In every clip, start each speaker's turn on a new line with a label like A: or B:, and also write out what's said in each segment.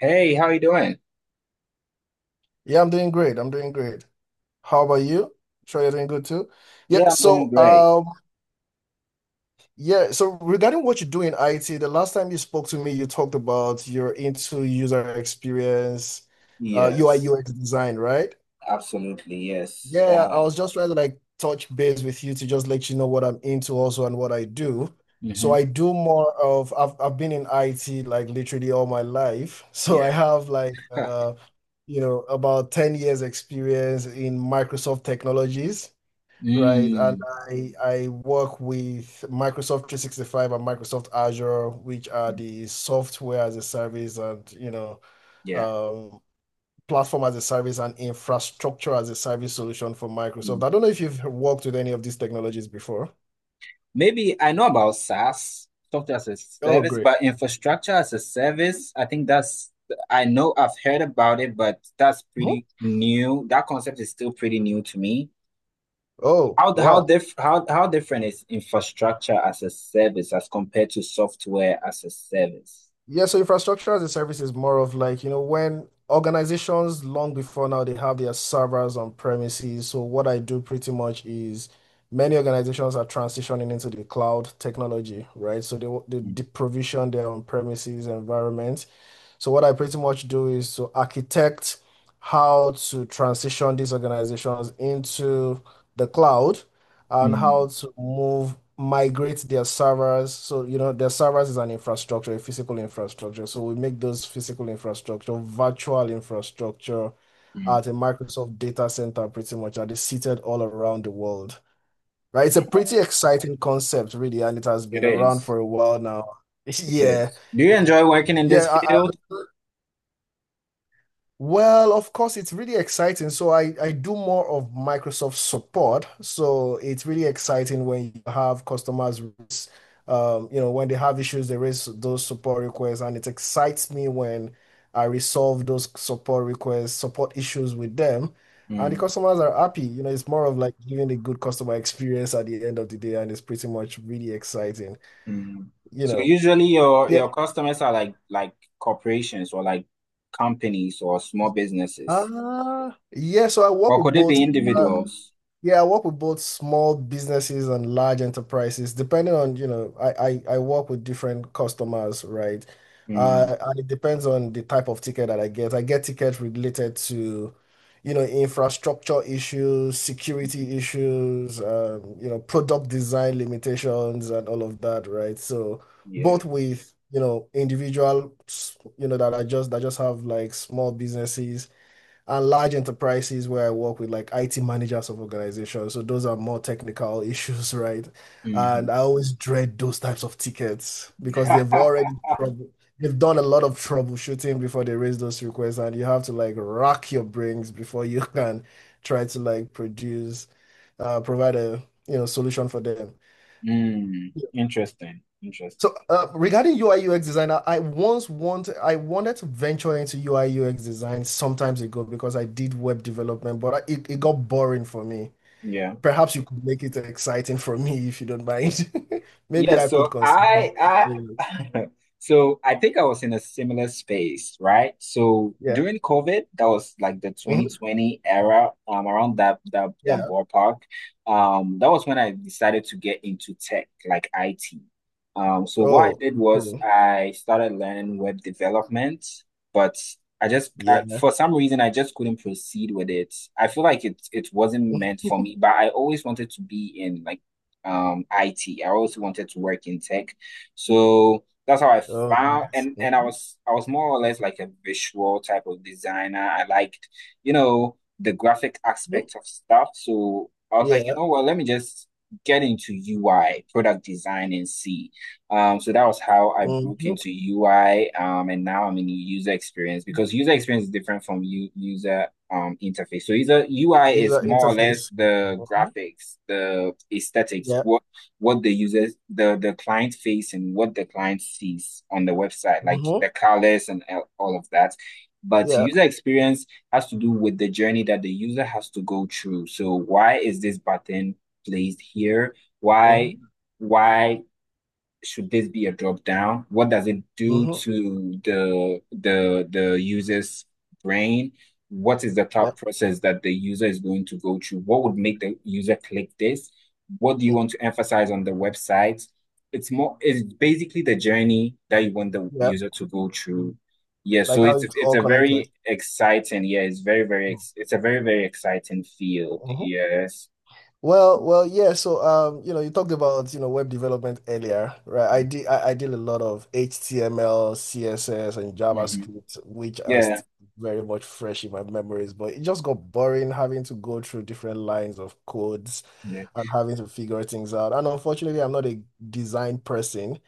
A: Hey, how you doing?
B: Yeah, I'm doing great. I'm doing great. How about you? Sure, you're doing good too. Yeah,
A: Yeah, I'm doing
B: so
A: great.
B: um yeah, so regarding what you do in IT, the last time you spoke to me, you talked about you're into user experience, UI
A: Yes,
B: UX design, right?
A: absolutely. Yes.
B: Yeah, I was just trying to like touch base with you to just let you know what I'm into also and what I do. So
A: Mm-hmm.
B: I do more of I've been in IT like literally all my life. So
A: Yeah.
B: I have
A: Huh.
B: you know about 10 years experience in Microsoft technologies, right? And
A: Mm,
B: I work with Microsoft 365 and Microsoft Azure, which are the software as a service and
A: yeah.
B: um platform as a service and infrastructure as a service solution for Microsoft.
A: Mm.
B: I don't know if you've worked with any of these technologies before.
A: Maybe I know about SaaS, software as a
B: Oh,
A: service,
B: great.
A: but infrastructure as a service, I know I've heard about it, but that's
B: Mhm.
A: pretty new. That concept is still pretty new to me.
B: Oh,
A: How how
B: wow.
A: diff how how different is infrastructure as a service as compared to software as a service?
B: Yeah, so infrastructure as a service is more of like, you know, when organizations long before now they have their servers on premises. So what I do pretty much is many organizations are transitioning into the cloud technology, right? So they they,
A: Mm,
B: they provision their on premises environment. So what I pretty much do is to architect how to transition these organizations into the cloud and
A: mm.
B: how to move, migrate their servers. So, you know, their servers is an infrastructure, a physical infrastructure. So we make those physical infrastructure, virtual infrastructure at a Microsoft data center pretty much, and they're seated all around the world. Right? It's a
A: Mm.
B: pretty exciting concept, really, and it has
A: It
B: been around
A: is.
B: for a while now.
A: It
B: Yeah.
A: is. Do you
B: Yeah,
A: enjoy working in this
B: Yeah,
A: field?
B: I well, of course, it's really exciting. So I do more of Microsoft support. So it's really exciting when you have customers, you know, when they have issues, they raise those support requests, and it excites me when I resolve those support requests, support issues with them, and the
A: Mm,
B: customers are happy. You know, it's more of like giving a good customer experience at the end of the day, and it's pretty much really exciting.
A: mm.
B: You
A: So
B: know,
A: usually your
B: yeah.
A: your customers are like corporations or like companies or small businesses.
B: Ah, yeah. So I work
A: Or
B: with
A: could it be
B: both. uh,
A: Individuals?
B: Yeah, I work with both small businesses and large enterprises, depending on, you know, I work with different customers, right?
A: Mm,
B: And it depends on the type of ticket that I get. I get tickets related to, you know, infrastructure issues, security issues, you know, product design limitations and all of that, right? So
A: yeah.
B: both with, you know, individual, you know, that are just that just have like small businesses and large enterprises where I work with like IT managers of organizations. So those are more technical issues, right?
A: Hmm.
B: And I always dread those types of tickets because they've already trouble. They've done a lot of troubleshooting before they raise those requests, and you have to like rack your brains before you can try to provide a you know solution for them.
A: Interesting. Interesting.
B: So regarding UI UX design, I wanted to venture into UI UX design sometimes ago because I did web development, but it got boring for me.
A: Yeah.
B: Perhaps you could make it exciting for me if you don't mind.
A: Yeah,
B: Maybe I could
A: so
B: consider it.
A: I so I think I was in a similar space, right? So
B: Yeah.
A: during COVID, that was like the
B: Mhm.
A: 2020 era, around that
B: Yeah.
A: ballpark. That was when I decided to get into tech, like IT. So what I
B: Oh,
A: did was
B: cool.
A: I started learning web development, but
B: Yeah.
A: for some reason I just couldn't proceed with it. I feel like it wasn't meant for me, but I always wanted to be in like IT. I always wanted to work in tech. So that's how I
B: Oh,
A: found
B: great.
A: and I
B: Mhm.
A: was I was more or less like a visual type of designer. I liked, you know, the graphic
B: Mhm.
A: aspect of stuff. So I was like, you
B: Yeah.
A: know what, let me just get into UI, product design and see. So that was how I broke
B: Mhm.
A: into UI. And now I'm in user experience because user experience is different from u user interface. So user UI is
B: User
A: more or less
B: interface.
A: the
B: Mhm.
A: graphics, the aesthetics,
B: Yeah.
A: what the users, the client face and what the client sees on the website, like
B: Mhm.
A: the colors and all of that. But
B: Yeah.
A: user experience has to do with the journey that the user has to go through. So why is this button placed here? Why?
B: Mhm.
A: why should this be a drop down? What does it do
B: Mhm.
A: to the user's brain? What is the
B: Yeah.
A: thought process that the user is going to go through? What would make the user click this? What do you want to emphasize on the website? It's basically the journey that you want the
B: Mhm.
A: user to go through. Yeah,
B: Like
A: so
B: how
A: it's
B: it's
A: it's
B: all
A: a
B: connected.
A: very exciting, yeah, it's very, very, it's a very, very exciting field.
B: Mhm.
A: Yes.
B: Well, yeah. So, you know, you talked about, you know, web development earlier, right? I did a lot of HTML, CSS, and
A: Hmm.
B: JavaScript, which are
A: Yeah.
B: very much fresh in my memories, but it just got boring having to go through different lines of codes
A: Yeah.
B: and having to figure things out. And unfortunately, I'm not a design person.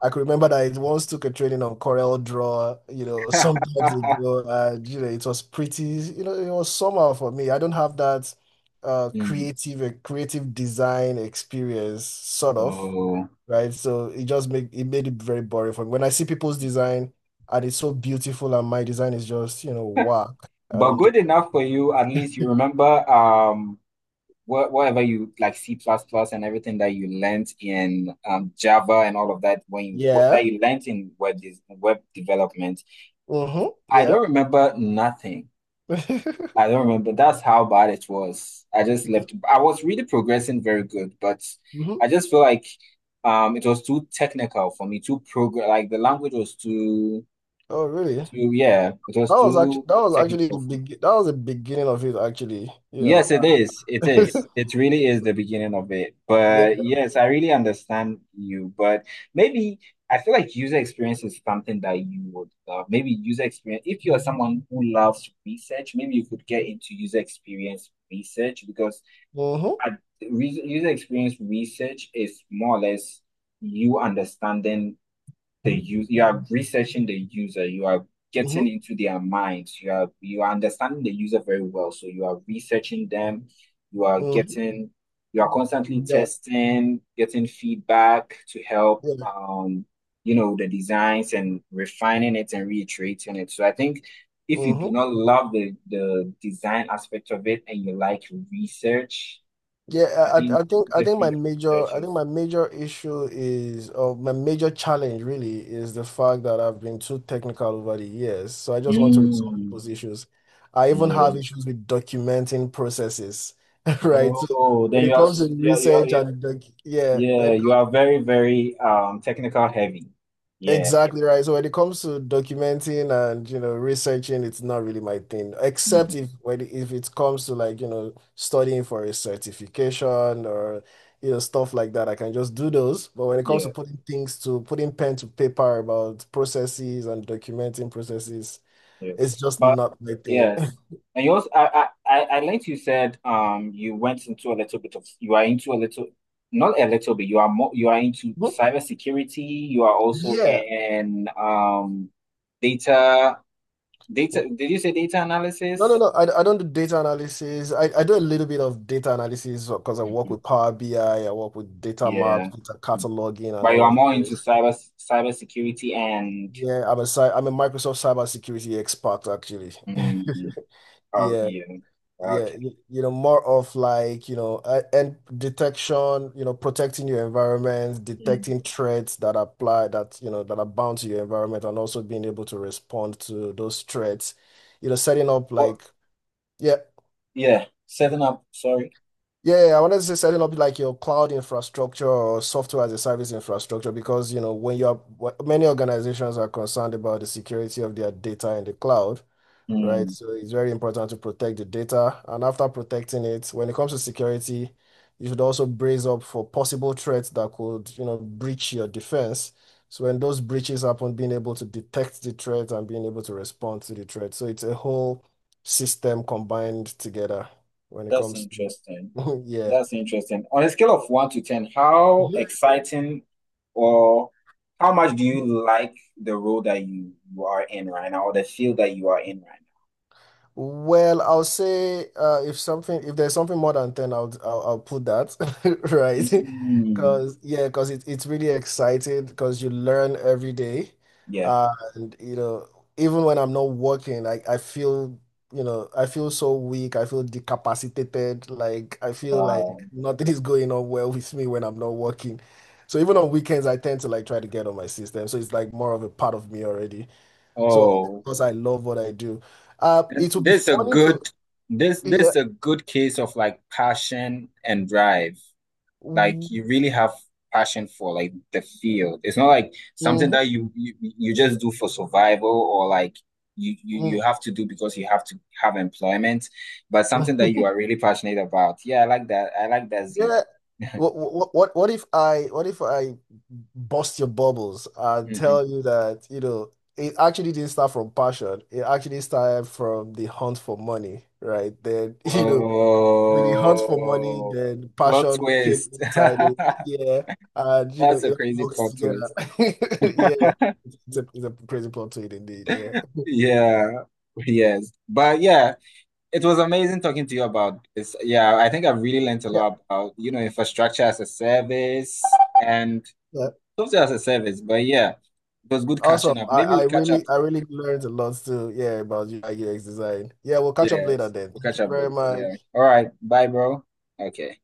B: I could remember that it once took a training on Corel Draw, you know, some times ago, and you know, it was pretty, you know, it was somehow for me. I don't have that
A: Hmm.
B: creative creative design experience, sort of,
A: Oh,
B: right? So it just make it made it very boring for me. When I see people's design and it's so beautiful and my design is just, you know, whack. And
A: but
B: I'm just
A: good
B: like,
A: enough for you. At least you remember whatever you like C plus plus and everything that you learned in Java and all of that when you
B: yeah,
A: that you learned in web development.
B: mm-hmm,
A: I
B: yeah.
A: don't remember nothing. I don't remember. That's how bad it was. I just left. I was really progressing very good, but
B: Mhm.
A: I just feel like it was too technical for me, too program like the language was too
B: Oh, really?
A: too yeah, it was too technical for me.
B: That was the beginning of it actually, you
A: Yes, it
B: know.
A: is. It is. It really is the beginning of it.
B: Yeah.
A: But yes, I really understand you. But maybe I feel like user experience is something that you would love. Maybe user experience, if you are someone who loves research, maybe you could get into user experience research because
B: Mm-hmm.
A: at re user experience research is more or less you understanding the use you are researching the user you are getting
B: Mm-hmm.
A: into their minds you are understanding the user very well, so you are researching them, you are
B: Mm-hmm.
A: getting you are constantly
B: Yeah.
A: testing, getting feedback to help
B: Yeah.
A: the designs and refining it and reiterating it. So I think if you do
B: Mm-hmm.
A: not love the design aspect of it and you like research, I think user
B: I think my
A: experience
B: major
A: research
B: I think
A: is.
B: my major issue is, or my major challenge really is, the fact that I've been too technical over the years. So I just want to resolve
A: Mm,
B: those issues. I even have
A: yeah.
B: issues with documenting processes, right? So
A: Oh, then
B: when
A: you
B: it
A: are
B: comes to research and doc, yeah,
A: yeah,
B: when it
A: you are very, very technical heavy. Yeah.
B: Exactly right. So when it comes to documenting and you know researching, it's not really my thing. Except
A: Mhm.
B: if when if it comes to like you know studying for a certification or you know stuff like that, I can just do those. But when it comes
A: Yeah,
B: to putting pen to paper about processes and documenting processes,
A: yes.
B: it's just
A: But
B: not my thing.
A: yes. And you also I liked you said you went into a little bit of you are into a little not a little bit, you are more you are into
B: Mhm.
A: cybersecurity, you are also
B: Yeah.
A: in data data did you say data
B: No, no,
A: analysis?
B: no. I don't do data analysis. I do a little bit of data analysis because I work
A: Mhm.
B: with Power BI, I work with data maps,
A: Yeah.
B: data cataloging, and
A: But you
B: all
A: are
B: of
A: more into
B: those.
A: cybersecurity and.
B: Yeah, I'm a I'm a Microsoft cybersecurity expert actually.
A: Mm, oh
B: Yeah,
A: yeah,
B: yeah.
A: gotcha.
B: You know, more of like, you know, and detection, you know, protecting your environment,
A: Mm.
B: detecting threats that apply that, you know, that are bound to your environment and also being able to respond to those threats. You know, setting up
A: But
B: like, yeah.
A: yeah, setting up. Sorry.
B: Yeah, yeah, I wanted to say setting up like your cloud infrastructure or software as a service infrastructure because you know many organizations are concerned about the security of their data in the cloud, right?
A: Mm,
B: So it's very important to protect the data. And after protecting it, when it comes to security, you should also brace up for possible threats that could, you know, breach your defense. So when those breaches happen, being able to detect the threat and being able to respond to the threat. So it's a whole system combined together when it
A: that's
B: comes to,
A: interesting.
B: yeah.
A: That's interesting. On a scale of 1 to 10, how
B: Mhm.
A: exciting or how much do you like the role that you are in right now, or the field that you are in right
B: Well, I'll say if there's something more than 10, I'll put that
A: now?
B: right,
A: Mm,
B: because yeah, because it's really exciting because you learn every day,
A: yeah.
B: uh, and you know even when I'm not working, I feel you know I feel so weak, I feel decapacitated, like I feel like
A: Wow.
B: nothing is going on well with me when I'm not working. So even on weekends, I tend to like try to get on my system. So it's like more of a part of me already. So,
A: Oh,
B: because I love what I do, it would be
A: this is a
B: funny to,
A: good. This
B: yeah,
A: is a good case of like passion and drive. Like you
B: Mhm,
A: really have passion for like the field. It's not like something
B: mhm,
A: that you just do for survival or like you, you
B: mm,
A: you
B: mhm.
A: have to do because you have to have employment, but something that you are really passionate about. Yeah, I like that. I like that zeal.
B: Yeah. What if I bust your bubbles and
A: Hmm.
B: tell you that, you know, it actually didn't start from passion. It actually started from the hunt for money, right? Then, you know, when the hunt for money,
A: Whoa.
B: then
A: Plot
B: passion came
A: twist.
B: inside it. Yeah. And, you know,
A: That's a
B: it
A: crazy
B: all works
A: plot
B: together.
A: twist.
B: Yeah. It's a crazy plot to it indeed. Yeah.
A: Yeah. Yes. But yeah, it was amazing talking to you about this. Yeah, I think I've really learned a lot about infrastructure as a service and
B: Yeah.
A: software as a service. But yeah, it was good
B: Awesome.
A: catching up. Maybe we'll catch up.
B: I really learned a lot too. Yeah, about UI UX design. Yeah, we'll catch up later
A: Yes,
B: then.
A: we'll
B: Thank
A: catch
B: you
A: up
B: very
A: later. Yeah.
B: much.
A: All right. Bye, bro. Okay.